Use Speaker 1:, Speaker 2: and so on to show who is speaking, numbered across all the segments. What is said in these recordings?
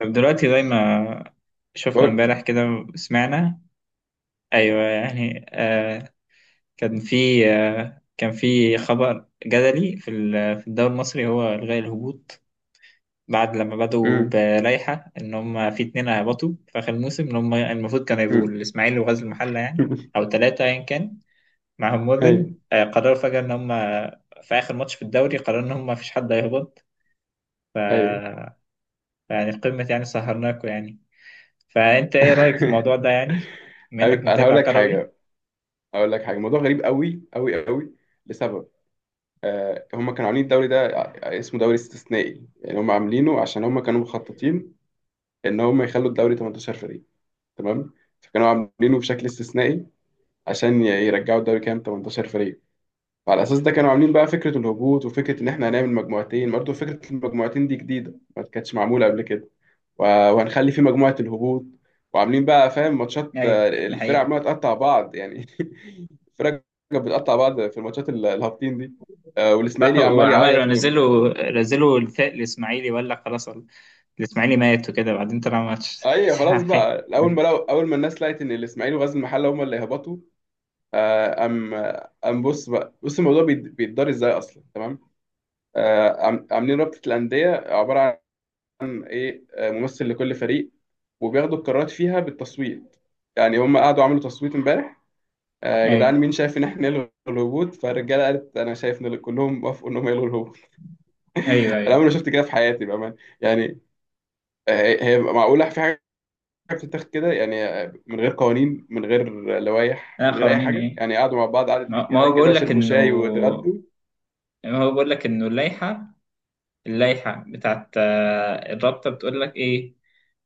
Speaker 1: طب، دلوقتي زي ما شفنا
Speaker 2: بقول.
Speaker 1: امبارح كده وسمعنا. ايوه، يعني، كان في كان في خبر جدلي في الدوري المصري، هو الغاء الهبوط بعد لما بدأوا
Speaker 2: امم
Speaker 1: بلائحة ان هم في اتنين هبطوا في اخر الموسم، ان هم المفروض كانوا يبقوا
Speaker 2: امم
Speaker 1: الاسماعيلي وغزل المحلة، يعني، او ثلاثة ايا كان معاهم مودن.
Speaker 2: ايوه،
Speaker 1: قرروا فجأة ان هم في اخر ماتش في الدوري، قرروا ان هم مفيش حد هيهبط. ف
Speaker 2: ايوه.
Speaker 1: يعني قمة، يعني سهرناكوا يعني. فأنت إيه رأيك في الموضوع ده، يعني، بما إنك
Speaker 2: انا
Speaker 1: متابع كروي؟
Speaker 2: هقول لك حاجه، الموضوع غريب قوي قوي قوي، لسبب. هم كانوا عاملين الدوري ده، اسمه دوري استثنائي، يعني هم عاملينه عشان هم كانوا مخططين ان هم يخلوا الدوري 18 فريق، تمام. فكانوا عاملينه بشكل استثنائي عشان يرجعوا الدوري كام، 18 فريق. فعلى اساس ده كانوا عاملين بقى فكره الهبوط وفكره ان احنا هنعمل مجموعتين، برضه فكره المجموعتين دي جديده ما كانتش معموله قبل كده. و- وهنخلي في مجموعة الهبوط، وعاملين بقى، فاهم، ماتشات،
Speaker 1: ايوه ده
Speaker 2: الفرق
Speaker 1: حقيقة.
Speaker 2: عمالة تقطع بعض يعني. الفرق كانت بتقطع بعض في الماتشات الهابطين دي،
Speaker 1: صح،
Speaker 2: والاسماعيلي عمال
Speaker 1: وعملوا،
Speaker 2: يعيط وجماهير.
Speaker 1: نزلوا الفئة الإسماعيلي، ولا خلاص الإسماعيلي مات وكده، بعدين طلع ماتش
Speaker 2: ايوه، خلاص
Speaker 1: حي.
Speaker 2: بقى. اول ما الناس لقت ان الاسماعيلي وغزل المحله هم اللي هبطوا. آه، ام ام بص بقى، الموضوع بيتدار ازاي اصلا، تمام. عاملين رابطه الانديه، عباره عن ايه؟ ممثل لكل فريق، وبياخدوا القرارات فيها بالتصويت. يعني هم قعدوا عملوا تصويت امبارح. يا جدعان،
Speaker 1: ايوه،
Speaker 2: مين شايف ان احنا نلغي الهبوط؟ فالرجاله قالت انا شايف، ان كلهم وافقوا انهم يلغوا الهبوط.
Speaker 1: ايوه،
Speaker 2: انا
Speaker 1: ايوه.
Speaker 2: عمري ما شفت كده في حياتي بامانه يعني. هي معقوله في حاجه بتتاخد كده يعني؟ من غير قوانين، من غير لوائح،
Speaker 1: انا
Speaker 2: من غير اي
Speaker 1: خرانين
Speaker 2: حاجه،
Speaker 1: ايه،
Speaker 2: يعني قعدوا مع بعض قعدة
Speaker 1: ما
Speaker 2: رجاله
Speaker 1: هو
Speaker 2: كده،
Speaker 1: بقول لك
Speaker 2: شربوا
Speaker 1: انه،
Speaker 2: شاي واتغدوا.
Speaker 1: ما هو بقول لك انه اللائحة، اللائحة بتاعت الرابطة، بتقول لك إيه.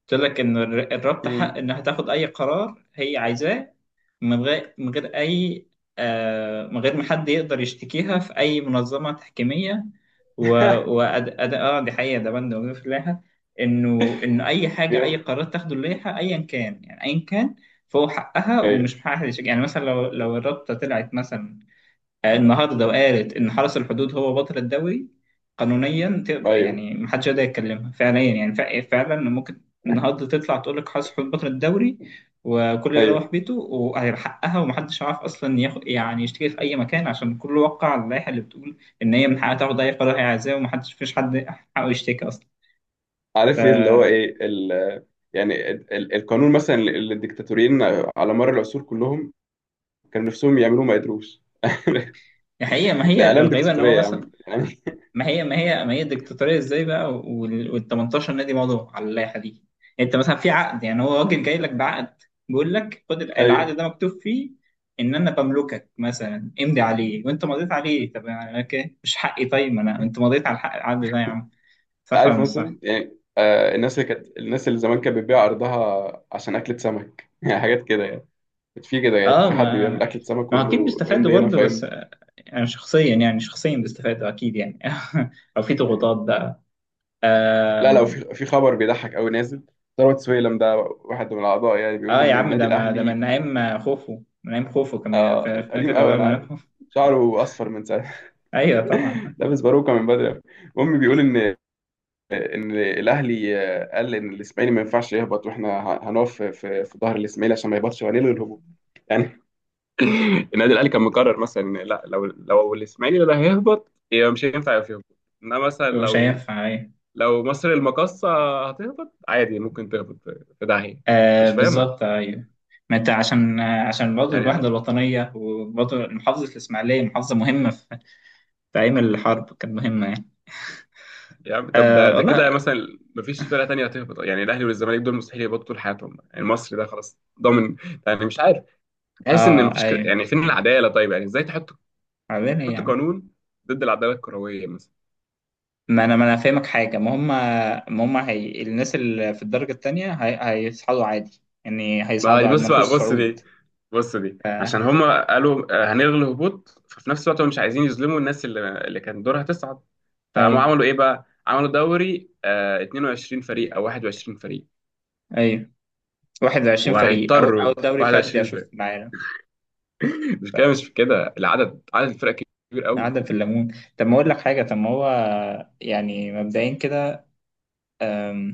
Speaker 1: بتقول لك إن الرابطة حق
Speaker 2: امم.
Speaker 1: إنها تاخد أي قرار هي عايزاه، من غير أي، من غير ما حد يقدر يشتكيها في أي منظمة تحكيمية. و وأد... أد... آه دي حقيقة، ده بند موجود في اللائحة، إنه أي حاجة، أي
Speaker 2: جامد.
Speaker 1: قرار تاخده اللائحة أيا كان، يعني أيا كان، فهو حقها
Speaker 2: ايوه،
Speaker 1: ومش حق حد يشتكي. يعني مثلا لو الرابطة طلعت مثلا النهارده، لو قالت ان حرس الحدود هو بطل الدوري، قانونيا
Speaker 2: ايوه،
Speaker 1: يعني محدش يقدر يتكلمها، فعليا يعني، فعلا ممكن النهارده تطلع تقول لك حرس الحدود بطل الدوري، وكل يروح
Speaker 2: ايوه.
Speaker 1: بيته وهيحققها، ومحدش عارف اصلا ياخد، يعني يشتكي في اي مكان، عشان كله وقع على اللائحه اللي بتقول ان هي من حقها تاخد اي قرار هي عايزاه، ومحدش، فيش حد حقه يشتكي اصلا. ف
Speaker 2: عارف ايه اللي هو ايه، ال يعني ال- ال- القانون مثلا، اللي الدكتاتوريين على مر العصور كلهم كانوا نفسهم يعملوه ما قدروش.
Speaker 1: الحقيقه، ما
Speaker 2: ده
Speaker 1: هي
Speaker 2: اعلام
Speaker 1: الغريبه ان هو
Speaker 2: ديكتاتوريه يا
Speaker 1: مثلا،
Speaker 2: عم يعني.
Speaker 1: ما هي ديكتاتورية ازاي بقى، وال 18 نادي مضوا على اللائحة دي. يعني انت مثلا في عقد، يعني هو راجل جاي لك بعقد، بيقول لك خد
Speaker 2: ايوه.
Speaker 1: العقد ده مكتوب فيه ان انا بملكك مثلا، امضي عليه، وانت مضيت عليه. طب يعني اوكي، مش حقي، طيب ما انا، انت مضيت على الحق، العقد ده يا عم.
Speaker 2: انت
Speaker 1: صح ولا
Speaker 2: عارف
Speaker 1: مش صح؟
Speaker 2: مثلا يعني، الناس اللي زمان كانت بتبيع ارضها عشان اكله سمك. يعني حاجات كده يعني، كانت في كده، يعني
Speaker 1: اه،
Speaker 2: في حد
Speaker 1: ما
Speaker 2: بيعمل اكله سمك ويقول
Speaker 1: ما اكيد
Speaker 2: له
Speaker 1: بيستفادوا
Speaker 2: امضي هنا
Speaker 1: برضه، بس
Speaker 2: فيمضي.
Speaker 1: يعني شخصيا، يعني شخصيا بيستفادوا اكيد يعني، او في ضغوطات بقى.
Speaker 2: لا لا، وفي خبر بيضحك قوي نازل، ثروت سويلم ده واحد من الاعضاء، يعني بيقول
Speaker 1: اه يا
Speaker 2: ان
Speaker 1: عم،
Speaker 2: النادي
Speaker 1: ده ما ده من
Speaker 2: الاهلي.
Speaker 1: نعيم خوفو من نعيم خوفو، كان
Speaker 2: آه قديم
Speaker 1: فاكر
Speaker 2: قوي،
Speaker 1: ده من
Speaker 2: انا
Speaker 1: نعيم
Speaker 2: عارف،
Speaker 1: خوفو.
Speaker 2: شعره اصفر من ساعه.
Speaker 1: ايوه طبعا.
Speaker 2: لابس باروكه من بدري أوي. المهم، بيقول ان الاهلي، قال ان الاسماعيلي ما ينفعش يهبط، واحنا هنقف في ظهر الاسماعيلي عشان ما يهبطش، وهنلغي الهبوط يعني. النادي الاهلي كان مقرر مثلا إن لا، لو الاسماعيلي اللي هيهبط يبقى مش هينفع يبقى يهبط، انما مثلا
Speaker 1: مش
Speaker 2: لو
Speaker 1: هينفع، ايوه،
Speaker 2: لو مصر المقاصة هتهبط عادي، ممكن تهبط في داهية. مش فاهمة.
Speaker 1: بالظبط، ايوه. ما انت، عشان برضه
Speaker 2: يعني،
Speaker 1: الوحده الوطنيه، وبرضه محافظه الاسماعيليه، محافظه مهمه في، في ايام الحرب كانت مهمه يعني.
Speaker 2: طب ده ده كده
Speaker 1: والله.
Speaker 2: مثلا، مفيش فرقة تانية هتهبط، يعني الاهلي والزمالك دول مستحيل يهبطوا طول حياتهم، يعني مصر ده خلاص ضامن يعني. مش عارف. بحس ان
Speaker 1: اه
Speaker 2: مفيش كده
Speaker 1: ايوه.
Speaker 2: يعني، فين العدالة؟ طيب يعني ازاي تحط،
Speaker 1: عارفين ايه يا
Speaker 2: تحط
Speaker 1: عم،
Speaker 2: قانون ضد العدالة الكروية مثلا؟
Speaker 1: ما انا فاهمك حاجه. ما هم هي الناس اللي في الدرجه الثانيه، هي، هيصعدوا عادي، يعني
Speaker 2: ما
Speaker 1: هيصعدوا
Speaker 2: دي
Speaker 1: عادي، ما
Speaker 2: بص
Speaker 1: نخش
Speaker 2: بقى، بص
Speaker 1: صعود.
Speaker 2: دي بص دي عشان هما قالوا، هنلغي الهبوط. ففي نفس الوقت هم مش عايزين يظلموا الناس اللي كان دورها تصعد. فقاموا
Speaker 1: ايوه،
Speaker 2: عملوا ايه بقى؟ عملوا دوري 22 فريق او 21 فريق،
Speaker 1: ايوه. 21 فريق، أول
Speaker 2: وهيضطروا
Speaker 1: دوري فردي
Speaker 2: 21
Speaker 1: أشوف
Speaker 2: فريق.
Speaker 1: معانا،
Speaker 2: مش كده مش كده، العدد، الفرق كبير قوي.
Speaker 1: قاعدة في الليمون. طب ما أقول لك حاجة، طب ما هو يعني مبدئيا كده، أم،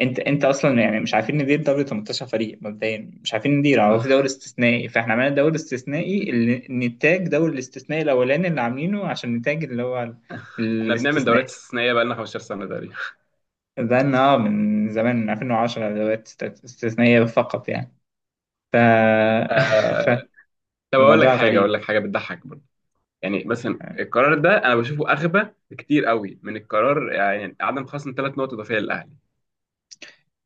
Speaker 1: أنت أصلا يعني مش عارفين ندير دوري 18 فريق، مبدئيا مش عارفين ندير. هو في دوري استثنائي، فإحنا عملنا دوري استثنائي اللي نتاج دوري الاستثنائي الأولاني اللي عاملينه عشان نتاج اللي هو
Speaker 2: احنا بنعمل دوريات
Speaker 1: الاستثنائي.
Speaker 2: استثنائيه بقى لنا 15 سنه تقريبا.
Speaker 1: ده إن من زمان، من 2010 دوريات استثنائية فقط يعني. ف...
Speaker 2: آه... طب
Speaker 1: فالموضوع
Speaker 2: اقول
Speaker 1: غريب.
Speaker 2: لك حاجه بتضحك برضه. يعني مثلا القرار ده انا بشوفه اغبى بكتير قوي من القرار، يعني عدم خصم ثلاث نقط اضافيه للاهلي.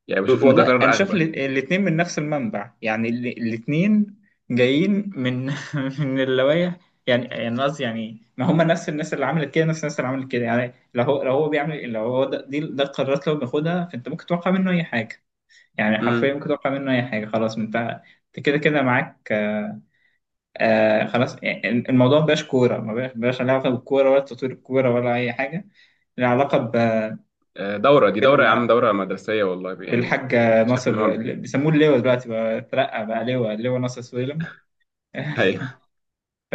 Speaker 2: يعني بشوف ان ده
Speaker 1: والله انا
Speaker 2: قرار
Speaker 1: شايف
Speaker 2: اغبى.
Speaker 1: الاثنين من نفس المنبع، يعني الاثنين جايين من، من اللوايح. يعني قصدي يعني، ما هم نفس الناس اللي عملت كده، نفس الناس اللي عملت كده، يعني لو هو بيعمل، لو هو ده دي ده القرارات لو بياخدها، فانت ممكن تتوقع منه اي حاجه. يعني حرفيا
Speaker 2: امم.
Speaker 1: ممكن تتوقع منه اي حاجه، خلاص، انت كده كده معاك. خلاص، يعني الموضوع ما بقاش كوره، ما بقاش له علاقه بالكوره، ولا تطوير الكوره، ولا اي حاجه. له علاقه
Speaker 2: دوره دي دوره يا عم،
Speaker 1: بال
Speaker 2: دوره مدرسيه والله يعني.
Speaker 1: بالحاج
Speaker 2: شايف ان هو،
Speaker 1: ناصر، بيسموه اللواء دلوقتي بقى، اترقى بقى لواء، اللواء ناصر سويلم.
Speaker 2: ايوه.
Speaker 1: ف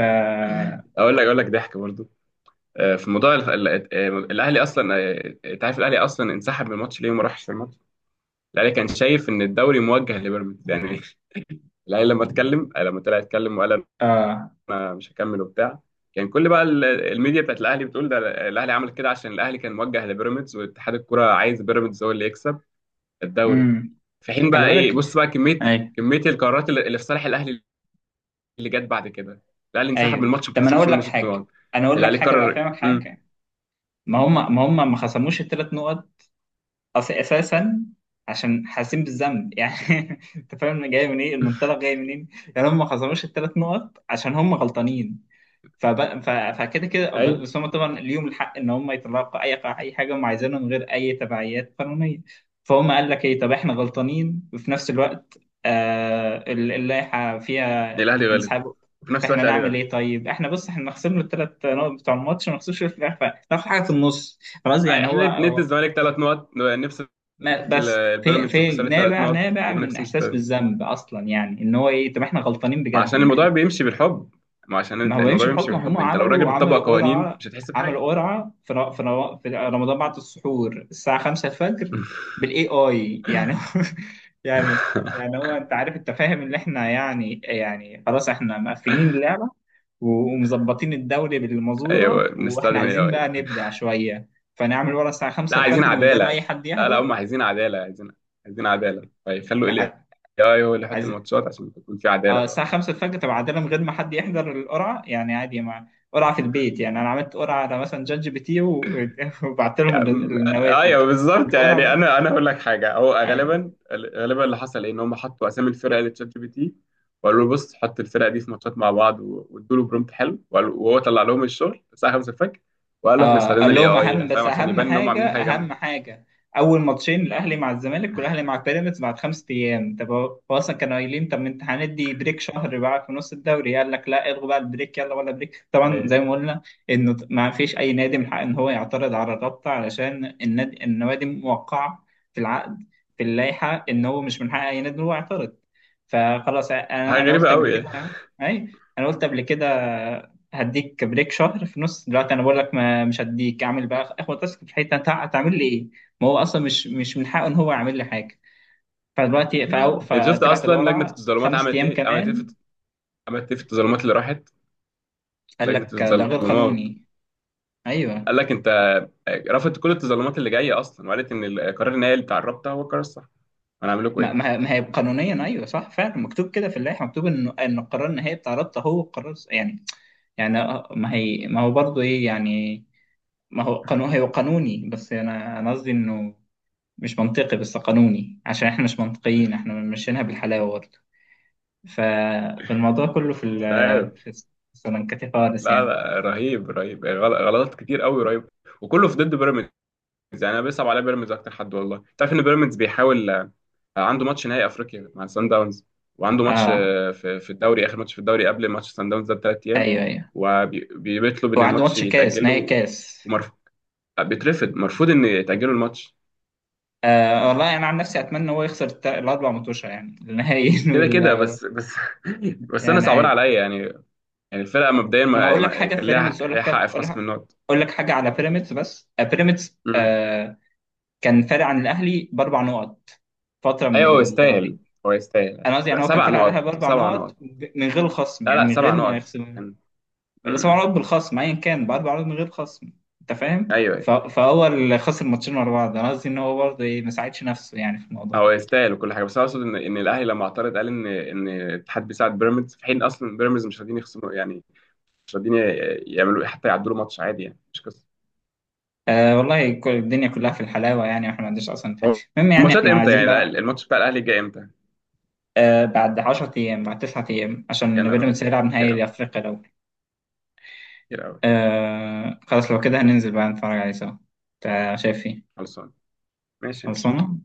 Speaker 2: اقول لك ضحك برضو. في موضوع ال- ال- آه، الاهلي اصلا آه، انت عارف الاهلي اصلا انسحب من الماتش ليه وما راحش في الماتش. الاهلي كان شايف ان الدوري موجه لبيراميدز يعني. الاهلي لما اتكلم، لما طلع يتكلم وقال
Speaker 1: اه،
Speaker 2: انا مش هكمل وبتاع. كان كل بقى الميديا بتاعت الاهلي بتقول ده، الاهلي عمل كده عشان الاهلي كان موجه لبيراميدز، واتحاد الكوره عايز بيراميدز هو اللي يكسب الدوري.
Speaker 1: امم،
Speaker 2: في حين
Speaker 1: خلي
Speaker 2: بقى ايه،
Speaker 1: بالك،
Speaker 2: بص بقى،
Speaker 1: ايوه،
Speaker 2: كميه القرارات اللي في صالح الاهلي اللي جت بعد كده، الاهلي انسحب من
Speaker 1: ايوه.
Speaker 2: الماتش ما
Speaker 1: طب ما انا
Speaker 2: اتخصمش
Speaker 1: اقول
Speaker 2: منه
Speaker 1: لك
Speaker 2: ست
Speaker 1: حاجه،
Speaker 2: نقط.
Speaker 1: انا اقول لك
Speaker 2: الاهلي
Speaker 1: حاجه بقى،
Speaker 2: قرر.
Speaker 1: افهمك
Speaker 2: امم.
Speaker 1: حاجه، ما هم ما خصموش الثلاث نقط، اساسا عشان حاسين بالذنب يعني. انت فاهم جاي من ايه المنطلق، جاي منين، يعني هم ما خصموش الثلاث نقط عشان هم غلطانين. فكده كده،
Speaker 2: اي،
Speaker 1: بس هم طبعا ليهم الحق ان هم يطلعوا اي اي حاجه هم عايزينها من غير اي تبعيات قانونيه. فهم قال لك ايه، طب احنا غلطانين، وفي نفس الوقت اللائحه فيها
Speaker 2: الاهلي غلط
Speaker 1: انسحاب.
Speaker 2: وفي نفس
Speaker 1: فاحنا
Speaker 2: الوقت الاهلي
Speaker 1: نعمل ايه،
Speaker 2: غلط،
Speaker 1: طيب احنا، بص، احنا نخصم له الثلاث نقط بتوع الماتش، ما نخصمش في الاخر، ناخد حاجه في النص، خلاص. يعني هو
Speaker 2: احنا ندي الزمالك ثلاث نقط نبسط
Speaker 1: ما، بس في،
Speaker 2: البيراميدز بخساره ثلاث
Speaker 1: نابع،
Speaker 2: نقط
Speaker 1: نابع
Speaker 2: وما
Speaker 1: من
Speaker 2: نخصمش
Speaker 1: احساس
Speaker 2: ثلاث.
Speaker 1: بالذنب اصلا، يعني ان هو ايه، طب احنا غلطانين
Speaker 2: ما
Speaker 1: بجد،
Speaker 2: عشان
Speaker 1: ما احنا،
Speaker 2: الموضوع بيمشي بالحب ما عشان
Speaker 1: ما هو
Speaker 2: الموضوع
Speaker 1: يمشي
Speaker 2: بيمشي
Speaker 1: بحكم. هم
Speaker 2: بالحب، انت لو راجل
Speaker 1: عملوا،
Speaker 2: بتطبق قوانين
Speaker 1: قرعة،
Speaker 2: مش هتحس بحاجه.
Speaker 1: عملوا قرعة في رمضان بعد السحور الساعة 5 الفجر بالاي اي، يعني، يعني، يعني هو انت عارف، انت فاهم ان احنا، يعني، خلاص احنا مقفلين اللعبة، ومظبطين الدوري
Speaker 2: ايوه
Speaker 1: بالمزورة، واحنا
Speaker 2: بنستخدم الاي
Speaker 1: عايزين بقى
Speaker 2: اي.
Speaker 1: نبدع شوية، فنعمل ورا الساعة
Speaker 2: لا
Speaker 1: 5
Speaker 2: عايزين
Speaker 1: الفجر من غير اي
Speaker 2: عدالة،
Speaker 1: حد
Speaker 2: لا لا
Speaker 1: يحضر.
Speaker 2: هم عايزين عدالة، عايزين عدالة، فيخلوا ال
Speaker 1: ع-
Speaker 2: AI هو اللي يحط
Speaker 1: عايز،
Speaker 2: الماتشات عشان تكون في عدالة
Speaker 1: اه،
Speaker 2: بقى.
Speaker 1: الساعة خمسة الفجر، طب عادة من غير ما حد يحضر القرعة، يعني عادي، مع قرعة في البيت يعني. أنا عملت قرعة على مثلا جات جي بي تي وبعت لهم
Speaker 2: يعني
Speaker 1: النتائج،
Speaker 2: ايوه بالظبط
Speaker 1: والقرعة
Speaker 2: يعني. انا هقول لك حاجة، هو
Speaker 1: أي.
Speaker 2: غالبا اللي حصل ايه، ان هم حطوا اسامي الفرق لتشات جي بي تي، وقالوا له بص حط الفرق دي في ماتشات مع بعض، وادوا له برومبت حلو، وهو طلع لهم الشغل الساعة 5 الفجر، وقال له احنا
Speaker 1: اه
Speaker 2: استخدمنا
Speaker 1: قال
Speaker 2: الاي
Speaker 1: لهم اهم
Speaker 2: اي،
Speaker 1: بس،
Speaker 2: فاهم، عشان يبان ان هم عاملين حاجة
Speaker 1: اهم
Speaker 2: جامدة
Speaker 1: حاجه، اول ماتشين الاهلي مع الزمالك، والاهلي مع بيراميدز بعد 5 ايام. طب، هو اصلا كانوا قايلين، طب ما انت هندي بريك شهر بقى في نص الدوري، قال لك لا، الغوا بقى البريك، يلا، ولا بريك طبعا، زي
Speaker 2: يعني.
Speaker 1: ما قلنا، انه ما فيش اي نادي من حقه ان هو يعترض على الرابطه، علشان النوادي موقعه في العقد، في اللائحه ان هو مش من حق اي نادي ان هو يعترض. فخلاص، انا
Speaker 2: حاجة
Speaker 1: أنا
Speaker 2: غريبة
Speaker 1: قلت قبل
Speaker 2: قوي يعني.
Speaker 1: كده، اي، انا قلت قبل كده، هديك بريك شهر في نص. دلوقتي انا بقول لك ما مش هديك، اعمل بقى اخد تاسك في حته، تعمل لي ايه. ما هو اصلا مش من حقه ان هو يعمل لي حاجه. فدلوقتي،
Speaker 2: انت شفت
Speaker 1: فطلعت
Speaker 2: اصلا لجنة
Speaker 1: القرعه
Speaker 2: التظلمات
Speaker 1: خمس
Speaker 2: عملت
Speaker 1: ايام
Speaker 2: ايه؟
Speaker 1: كمان.
Speaker 2: عملت ايه في التظلمات اللي راحت
Speaker 1: قال
Speaker 2: لجنة
Speaker 1: لك ده غير
Speaker 2: التظلمات.
Speaker 1: قانوني. ايوه،
Speaker 2: قال لك انت رفضت كل التظلمات اللي جاية اصلا، وقالت ان القرار النهائي اللي اتعربته هو القرار الصح. انا اعمل لكم
Speaker 1: ما
Speaker 2: ايه؟
Speaker 1: ما هي قانونيا، ايوه صح، فعلا مكتوب كده في اللائحه، مكتوب ان القرار النهائي بتاع رابطه هو قرار، يعني يعني ما هي، ما هو برضه ايه يعني، ما هو قانون، هو قانوني، بس انا قصدي انه مش منطقي بس قانوني، عشان احنا مش منطقيين، احنا ماشيينها بالحلاوه برضه. ف... فالموضوع كله في
Speaker 2: مش عارف.
Speaker 1: في السلنكاتي خالص
Speaker 2: لا
Speaker 1: يعني.
Speaker 2: لا، رهيب، رهيب، غلطات كتير قوي، رهيب، وكله في ضد بيراميدز يعني. انا بيصعب عليا بيراميدز اكتر حد والله. تعرف ان بيراميدز بيحاول، عنده ماتش نهائي افريقيا مع سان داونز، وعنده ماتش
Speaker 1: اه،
Speaker 2: في الدوري، اخر ماتش في الدوري قبل ماتش سان داونز ده بثلاث ايام،
Speaker 1: ايوه، ايوه.
Speaker 2: وبيطلب
Speaker 1: هو
Speaker 2: ان
Speaker 1: عنده
Speaker 2: الماتش
Speaker 1: ماتش كاس
Speaker 2: يتاجل
Speaker 1: نهائي،
Speaker 2: له
Speaker 1: كاس،
Speaker 2: ومرفوض. بيترفض، مرفوض ان يتاجلوا الماتش.
Speaker 1: والله انا عن نفسي اتمنى هو يخسر الاربع ماتشات، يعني النهائيين،
Speaker 2: كده كده بس، بس. بس انا
Speaker 1: يعني
Speaker 2: صعبان
Speaker 1: عادي.
Speaker 2: عليا يعني. يعني الفرقه مبدئيا
Speaker 1: ما اقول لك حاجه
Speaker 2: كان
Speaker 1: في
Speaker 2: ليها
Speaker 1: بيراميدز، اقول
Speaker 2: ليها
Speaker 1: لك حاجه،
Speaker 2: حق في
Speaker 1: اقول
Speaker 2: خصم
Speaker 1: لك،
Speaker 2: النقط.
Speaker 1: أقول لك حاجه على بيراميدز بس، بيراميدز
Speaker 2: امم.
Speaker 1: كان فارق عن الاهلي باربع نقط فتره من
Speaker 2: ايوه هو
Speaker 1: الدوري.
Speaker 2: يستاهل، أيوة.
Speaker 1: انا قصدي يعني
Speaker 2: لا
Speaker 1: هو كان
Speaker 2: سبع
Speaker 1: فارق على الاهلي
Speaker 2: نقط،
Speaker 1: باربع
Speaker 2: سبع
Speaker 1: نقط،
Speaker 2: نقط.
Speaker 1: من غير خصم،
Speaker 2: لا
Speaker 1: يعني
Speaker 2: لا،
Speaker 1: من
Speaker 2: سبع
Speaker 1: غير ما
Speaker 2: نقط
Speaker 1: يخسر
Speaker 2: كان.
Speaker 1: سبع
Speaker 2: امم.
Speaker 1: عروض بالخصم، ايا كان باربع عروض من غير خصم، انت فاهم،
Speaker 2: ايوه، ايوه.
Speaker 1: فهو اللي خسر ماتشين ورا بعض، انا قصدي ان هو برضه ايه، ما ساعدش نفسه يعني في الموضوع ده.
Speaker 2: هو يستاهل وكل حاجه، بس انا اقصد ان الاهلي لما اعترض قال ان ان الاتحاد بيساعد بيراميدز، في حين اصلا بيراميدز مش راضيين يخصموا يعني. مش راضيين يعملوا حتى يعدلوا ماتش عادي يعني، مش قصه.
Speaker 1: والله كل الدنيا كلها في الحلاوه يعني، واحنا ما عندناش اصلا حاجه.
Speaker 2: هو
Speaker 1: المهم يعني
Speaker 2: الماتشات
Speaker 1: احنا
Speaker 2: امتى
Speaker 1: عايزين
Speaker 2: يعني؟
Speaker 1: بقى،
Speaker 2: الماتش بتاع الاهلي جاي امتى؟
Speaker 1: بعد 10 ايام، بعد 9 ايام،
Speaker 2: يا
Speaker 1: عشان
Speaker 2: نهار
Speaker 1: بيراميدز
Speaker 2: ابيض،
Speaker 1: هيلعب
Speaker 2: كتير
Speaker 1: نهائي
Speaker 2: قوي،
Speaker 1: افريقيا لو.
Speaker 2: كتير قوي.
Speaker 1: خلاص، لو كده هننزل بقى نتفرج عليه سوا. انت شايف ايه؟
Speaker 2: خلصان. ماشي، ماشي.
Speaker 1: خلصانه.